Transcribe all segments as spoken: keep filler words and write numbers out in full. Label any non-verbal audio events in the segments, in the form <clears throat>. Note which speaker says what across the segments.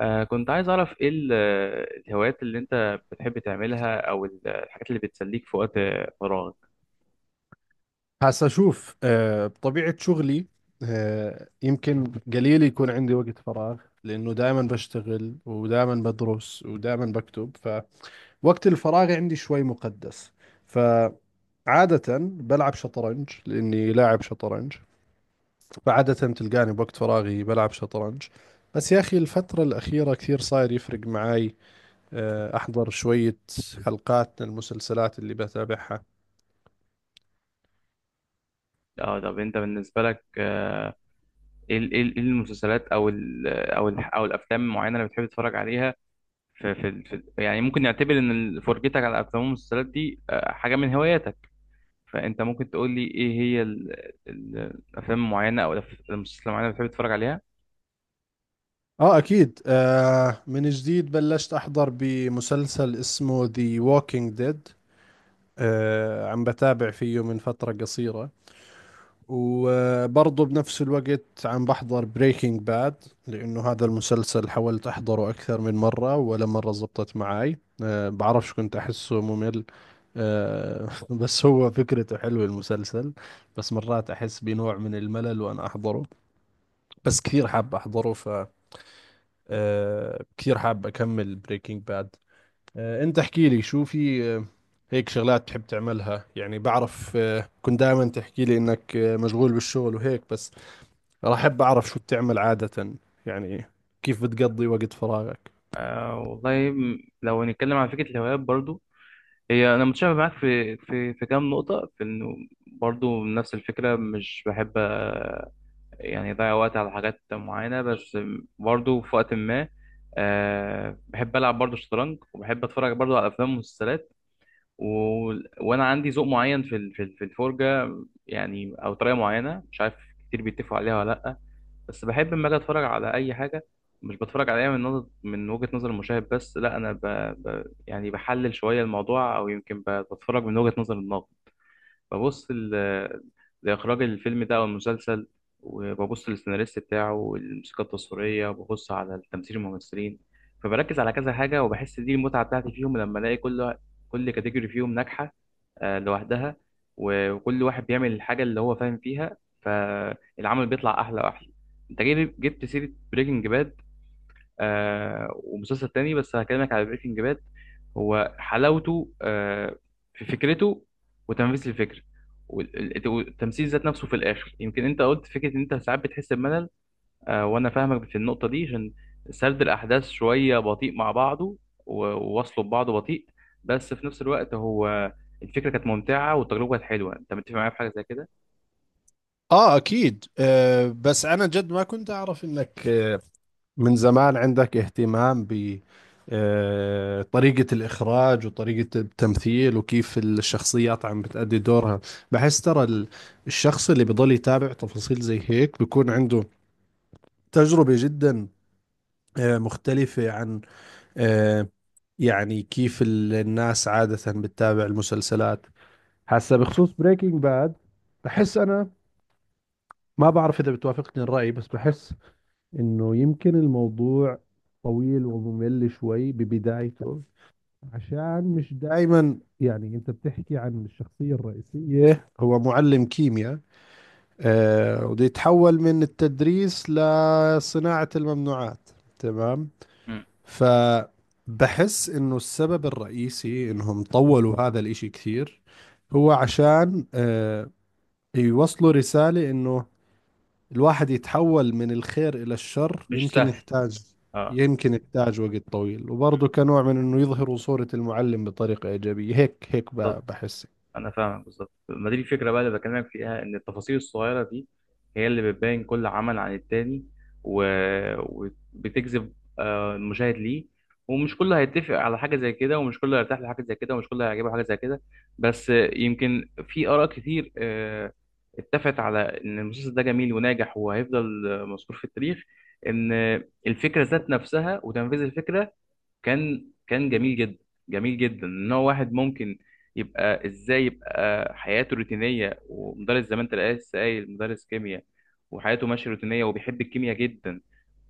Speaker 1: آه كنت عايز أعرف إيه ال- الهوايات اللي أنت بتحب تعملها أو ال- الحاجات اللي بتسليك في وقت فراغك.
Speaker 2: هسا شوف آه، بطبيعة شغلي، آه، يمكن قليل يكون عندي وقت فراغ، لأنه دائما بشتغل ودائما بدرس ودائما بكتب. فوقت الفراغ عندي شوي مقدس، فعادة بلعب شطرنج لأني لاعب شطرنج، فعادة تلقاني بوقت فراغي بلعب شطرنج. بس يا أخي الفترة الأخيرة كثير صاير يفرق معاي. آه، أحضر شوية حلقات من المسلسلات اللي بتابعها.
Speaker 1: أه طب أنت بالنسبة لك، آه، إيه ال- إيه ال- إيه المسلسلات أو ال أو ال أو الأفلام المعينة اللي بتحب تتفرج عليها. في في ال- في ال- يعني ممكن نعتبر إن ال- فرجتك على الأفلام والمسلسلات دي آه، حاجة من هواياتك، فأنت ممكن تقول لي إيه هي ال- ال- الأفلام المعينة أو الأف- المسلسلات المعينة اللي بتحب تتفرج عليها؟
Speaker 2: اه اكيد. آه من جديد بلشت احضر بمسلسل اسمه ذا ووكينج ديد. آه عم بتابع فيه من فترة قصيرة، وبرضه بنفس الوقت عم بحضر بريكنج باد، لانه هذا المسلسل حاولت احضره اكثر من مرة ولا مرة زبطت معي. آه بعرفش، كنت احسه ممل. آه <laughs> بس هو فكرته حلوة المسلسل، بس مرات احس بنوع من الملل وانا احضره، بس كثير حاب احضره. آه كتير حابب اكمل بريكنج باد. آه انت احكي لي شو في. آه هيك شغلات بتحب تعملها، يعني بعرف آه كنت دائما تحكي لي انك آه مشغول بالشغل وهيك بس. راح احب اعرف شو بتعمل عادة، يعني كيف بتقضي وقت فراغك.
Speaker 1: آه والله م- لو هنتكلم عن فكرة الهوايات برضو، هي انا متشابه معاك في في في كام نقطه، في انه برضو نفس الفكره، مش بحب آه، يعني اضيع وقت على حاجات معينه. بس برضو في وقت ما، آه، بحب العب برضو شطرنج وبحب اتفرج برضو على افلام ومسلسلات، و... وانا عندي ذوق معين في ال- في ال- في الفرجه، يعني او طريقه معينه مش عارف كتير بيتفقوا عليها ولا لا. بس بحب لما اجي اتفرج على اي حاجه، مش بتفرج عليها من نظر من وجهه نظر المشاهد بس، لا انا ب... ب... يعني بحلل شويه الموضوع، او يمكن ب... بتفرج من وجهه نظر الناقد. ببص ل- لإخراج الفيلم ده أو المسلسل، وببص للسيناريست بتاعه والموسيقى التصويرية، وببص على التمثيل الممثلين. فبركز على كذا حاجة وبحس دي المتعة بتاعتي فيهم، لما ألاقي كل كل كاتيجوري فيهم ناجحة، آه، لوحدها. و- وكل واحد بيعمل الحاجة اللي هو فاهم فيها، فالعمل بيطلع أحلى وأحلى. أنت جيب- جبت سيرة بريكنج باد. آه ومسلسل تاني بس هكلمك على بريكنج باد. هو حلاوته آه في فكرته، وتنفيذ الفكرة، وال- والتمثيل ذات نفسه. في الآخر يمكن أنت قلت فكرة إن أنت ساعات بتحس بملل، آه وأنا فاهمك في النقطة دي، عشان سرد الأحداث شوية بطيء مع بعضه، و- ووصله ببعضه بطيء، بس في نفس الوقت هو الفكرة كانت ممتعة والتجربة كانت حلوة. أنت متفق معايا في حاجة زي كده؟
Speaker 2: اه اكيد. آه بس انا جد ما كنت اعرف انك آه من زمان عندك اهتمام ب، آه، طريقة الإخراج وطريقة التمثيل وكيف الشخصيات عم بتأدي دورها. بحس ترى ال- الشخص اللي بضل يتابع تفاصيل زي هيك بيكون عنده تجربة جدا آه، مختلفة عن، آه، يعني كيف ال- الناس عادة بتتابع المسلسلات. هسا بخصوص بريكنج باد، بحس أنا، ما بعرف إذا بتوافقني الرأي، بس بحس انه يمكن الموضوع طويل وممل شوي ببدايته، عشان مش دائما، يعني انت بتحكي عن الشخصية الرئيسية، هو معلم كيمياء آه وده يتحول من التدريس لصناعة الممنوعات، تمام؟
Speaker 1: مم.
Speaker 2: فبحس انه السبب الرئيسي انهم طولوا هذا الاشي كثير، هو عشان آه يوصلوا رسالة انه الواحد يتحول من الخير إلى الشر
Speaker 1: مش
Speaker 2: يمكن
Speaker 1: سهل.
Speaker 2: يحتاج،
Speaker 1: اه
Speaker 2: يمكن يحتاج وقت طويل، وبرضه كنوع من إنه يظهروا صورة المعلم بطريقة إيجابية، هيك هيك ب- بحس.
Speaker 1: انا فاهمك بالظبط، ما دي الفكره بقى اللي بكلمك فيها، ان التفاصيل الصغيره دي هي اللي بتبين كل عمل عن التاني، و... وبتجذب آه، المشاهد ليه. ومش كله هيتفق على حاجه زي كده، ومش كله هيرتاح لحاجه زي كده، ومش كله هيعجبه حاجه زي كده. بس آه، يمكن في اراء كتير آه، اتفقت على ان المسلسل ده جميل وناجح، وهيفضل آه، مذكور في التاريخ، ان الفكره ذات نفسها وتنفيذ الفكره كان كان جميل جدا. جميل جدا ان هو واحد ممكن يبقى ازاي يبقى حياته روتينيه ومدرس زي ما انت لسه قايل، مدرس كيمياء وحياته ماشيه روتينيه وبيحب الكيمياء جدا،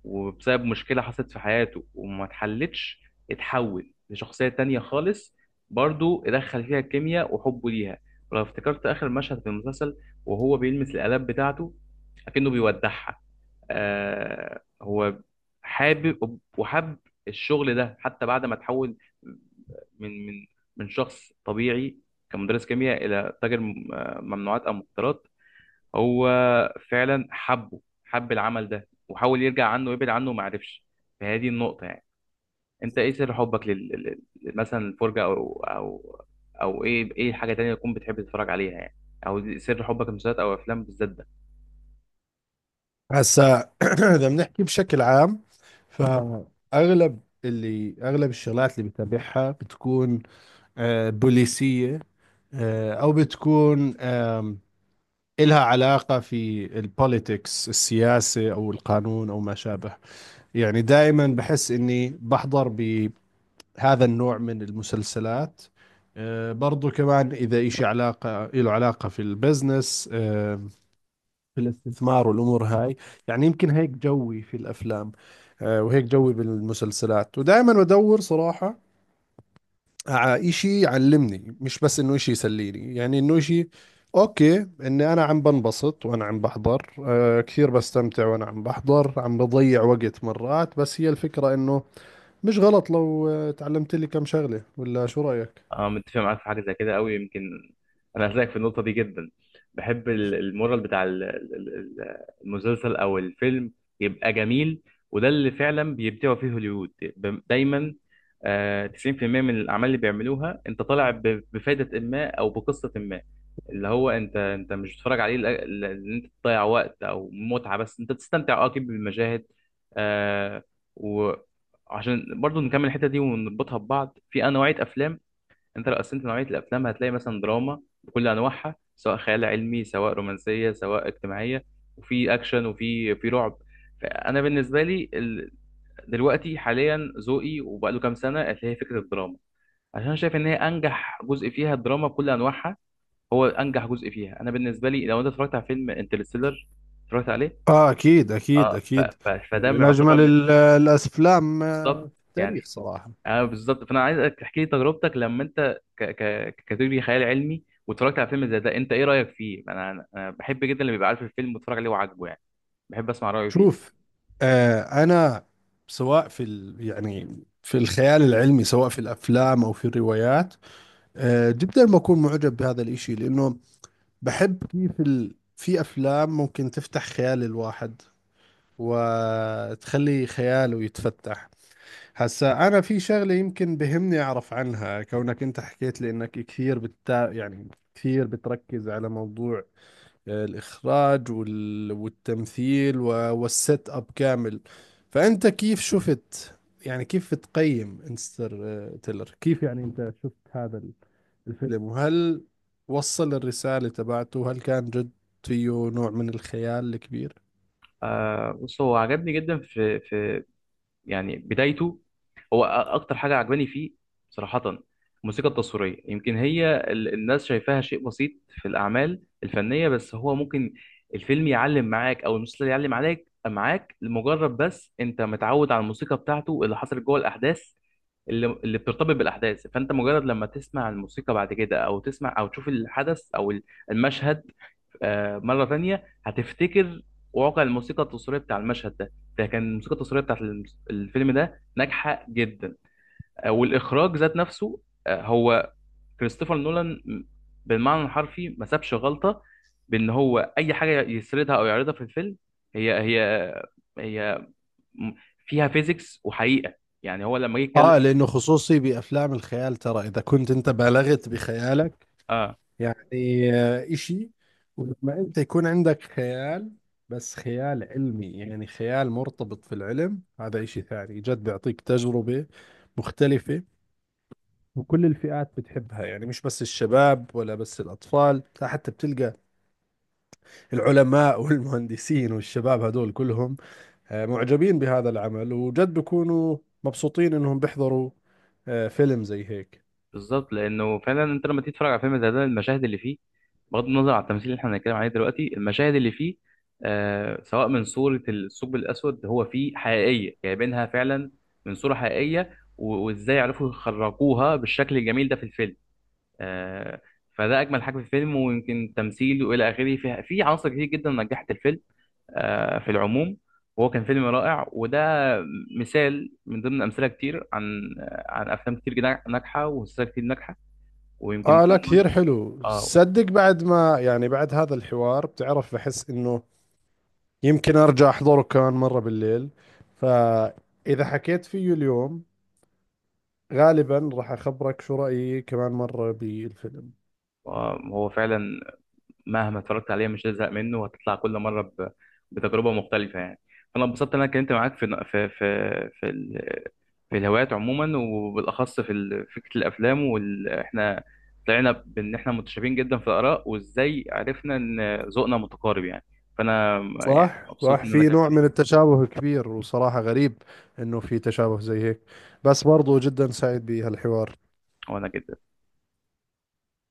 Speaker 1: وبسبب مشكله حصلت في حياته وما اتحلتش، اتحول لشخصيه تانية خالص. برضو ادخل فيها الكيمياء وحبه ليها. ولو افتكرت اخر مشهد في المسلسل، وهو بيلمس الآلات بتاعته اكنه بيودعها، آه هو حابب وحب الشغل ده حتى بعد ما تحول من من من شخص طبيعي، كمدرس كيمياء، الى تاجر م- آه، ممنوعات او مخدرات. هو فعلا حبه، حب العمل ده، وحاول يرجع عنه ويبعد عنه وما عرفش. فهذه النقطة يعني، انت ايه سر حبك لل... لل- لل- مثلا الفرجة او او او ايه ايه حاجة تانية تكون بتحب تتفرج عليها، يعني او سر حبك للمسلسلات او افلام بالذات ده.
Speaker 2: هسا <clears throat> إذا بنحكي بشكل عام، فأغلب اللي أغلب الشغلات اللي بتابعها بتكون آه، بوليسية، آه، أو بتكون، آم، إلها علاقة في البوليتكس، السياسة أو القانون أو ما شابه. يعني دائما بحس إني بحضر ب- هذا النوع من المسلسلات. آه، برضو كمان إذا إشي، علاقة له علاقة في البزنس، آه، في الاستثمار والأمور هاي. يعني يمكن هيك جوي في الأفلام، آه، وهيك جوي بالمسلسلات. ودائما بدور صراحة على إشي يعلمني، مش بس إنه إشي يسليني. يعني إنه إشي أوكي إني أنا عم بنبسط وأنا عم بحضر، آه، كثير بستمتع وأنا عم بحضر، عم بضيع وقت مرات، بس هي الفكرة إنه مش غلط لو آه، تعلمت لي كم شغلة، ولا شو رأيك؟
Speaker 1: اه متفق معاك في حاجه زي كده قوي. يمكن انا هسلك في النقطه دي جدا. بحب ال- المورال بتاع ال- ال- ال- المسلسل او الفيلم يبقى جميل. وده اللي فعلا بيبدعوا فيه هوليوود، ب- دايما، آه، تسعين في المية من الاعمال اللي بيعملوها انت طالع ب- بفائده ما او بقصه ما. اللي هو انت انت مش بتتفرج عليه لأ- لأ- ان انت تضيع وقت او متعه بس، انت تستمتع اه اكيد بالمشاهد، آه، وعشان برضو نكمل الحته دي ونربطها ببعض في نوعيه افلام. انت لو قسمت نوعيه الافلام هتلاقي مثلا دراما بكل انواعها، سواء خيال علمي، سواء رومانسيه، سواء اجتماعيه، وفي اكشن، وفي في رعب. فانا بالنسبه لي ال... دلوقتي حاليا ذوقي وبقاله كام سنه اللي هي فكره الدراما، عشان شايف ان هي انجح جزء فيها، الدراما بكل انواعها هو انجح جزء فيها. انا بالنسبه لي لو انت اتفرجت على فيلم انترستيلر، اتفرجت عليه،
Speaker 2: اه اكيد اكيد
Speaker 1: اه ف...
Speaker 2: اكيد.
Speaker 1: ف...
Speaker 2: يعني
Speaker 1: فده
Speaker 2: من
Speaker 1: يعتبر
Speaker 2: اجمل
Speaker 1: من،
Speaker 2: ال- آه، الافلام آه،
Speaker 1: بالظبط،
Speaker 2: في التاريخ
Speaker 1: يعني،
Speaker 2: صراحه.
Speaker 1: اه بالظبط. فانا عايزك تحكي لي تجربتك لما انت ك... ك... ككاتيجوري خيال علمي واتفرجت على فيلم زي ده، انت ايه رايك فيه. انا انا أنا بحب جدا اللي بيبقى عارف الفيلم واتفرج عليه وعاجبه، يعني بحب اسمع رايه فيه.
Speaker 2: شوف، آه انا سواء في ال، يعني في الخيال العلمي، سواء في الافلام او في الروايات، آه جدا بكون معجب بهذا الاشي، لانه بحب كيف ال، في افلام ممكن تفتح خيال الواحد وتخلي خياله يتفتح. هسا أنا في شغلة يمكن بهمني أعرف عنها، كونك أنت حكيت لي إنك كثير بتتا... يعني كثير بتركز على موضوع آه، الإخراج وال... والتمثيل و... والسيت أب كامل. فأنت كيف شفت، يعني كيف بتقيم انستر آه، تيلر؟ كيف يعني أنت شفت هذا الفيلم، وهل وصل الرسالة تبعته؟ هل كان جد فيه نوع من الخيال الكبير؟
Speaker 1: آه بص، هو عجبني جدا في في يعني بدايته. هو أ- اكتر حاجه عجباني فيه صراحه، الموسيقى التصويريه. يمكن هي ال- الناس شايفاها شيء بسيط في الاعمال الفنيه، بس هو ممكن الفيلم يعلم معاك او المسلسل يعلم عليك معاك، لمجرد بس انت متعود على الموسيقى بتاعته اللي حصلت جوه الاحداث، اللي اللي بترتبط بالاحداث. فانت مجرد لما تسمع الموسيقى بعد كده، او تسمع او تشوف الحدث او ال- المشهد آه، مره تانية، هتفتكر واقع الموسيقى التصويريه بتاع المشهد ده. فكان الموسيقى التصويريه بتاعت الم- الفيلم ده ناجحه جدا، آه، والاخراج ذات نفسه آه، هو كريستوفر نولان بالمعنى الحرفي ما سابش غلطه، بان هو اي حاجه يسردها او يعرضها في الفيلم هي هي هي م- فيها فيزيكس وحقيقه. يعني هو لما جه يتكلم،
Speaker 2: اه، لانه خصوصي بافلام الخيال ترى اذا كنت انت بالغت بخيالك
Speaker 1: اه
Speaker 2: يعني آه، إشي، ولما أنت يكون عندك خيال بس خيال علمي، يعني خيال مرتبط في العلم، هذا إشي ثاني جد بيعطيك تجربة مختلفة. وكل الفئات بتحبها، يعني مش بس الشباب ولا بس الأطفال، لا حتى بتلقى العلماء <laughs> والمهندسين والشباب هدول كلهم آه، معجبين بهذا العمل، وجد بيكونوا مبسوطين إنهم بيحضروا آه، فيلم زي هيك.
Speaker 1: بالظبط. لانه فعلا انت لما تيجي تتفرج على فيلم زي ده، المشاهد اللي فيه، بغض النظر عن التمثيل اللي احنا بنتكلم عليه دلوقتي، المشاهد اللي فيه آه سواء من صورة الثقب الأسود، هو فيه حقيقية جايبينها فعلا من صورة حقيقية، و- وإزاي عرفوا يخرجوها بالشكل الجميل ده في الفيلم. آه فده أجمل حاجة في الفيلم. ويمكن تمثيل وإلى آخره، فيها في عناصر كتير جدا نجحت الفيلم آه في العموم. وهو كان فيلم رائع، وده مثال من ضمن أمثلة كتير عن آه، عن أفلام كتير جدا- ناجحة ومسلسلات كتير ناجحة. ويمكن ده
Speaker 2: اه لا
Speaker 1: اللي أنا-
Speaker 2: كثير حلو
Speaker 1: اه
Speaker 2: صدق. بعد ما، يعني بعد هذا الحوار بتعرف بحس انه يمكن ارجع احضره كمان مرة بالليل. فاذا حكيت فيه اليوم، غالبا راح اخبرك شو رأيي كمان مرة بالفيلم.
Speaker 1: آه، هو فعلا مهما اتفرجت عليه مش هزهق منه، وهتطلع كل مره ب... بتجربه مختلفه، يعني. فانا اتبسطت ان انا اتكلمت معاك في في في في, ال... في الهوايات عموما، وبالاخص في ال... فكره الافلام وال... احنا طلعنا بان احنا متشابهين جدا في الاراء، وازاي عرفنا ان ذوقنا متقارب، يعني. فانا يعني
Speaker 2: صح
Speaker 1: مبسوط
Speaker 2: صح،
Speaker 1: ان انا
Speaker 2: في
Speaker 1: كلمت
Speaker 2: نوع من
Speaker 1: فيك.
Speaker 2: التشابه كبير، وصراحة غريب انه في تشابه زي هيك، بس برضو جدا سعيد بهالحوار.
Speaker 1: وانا جدا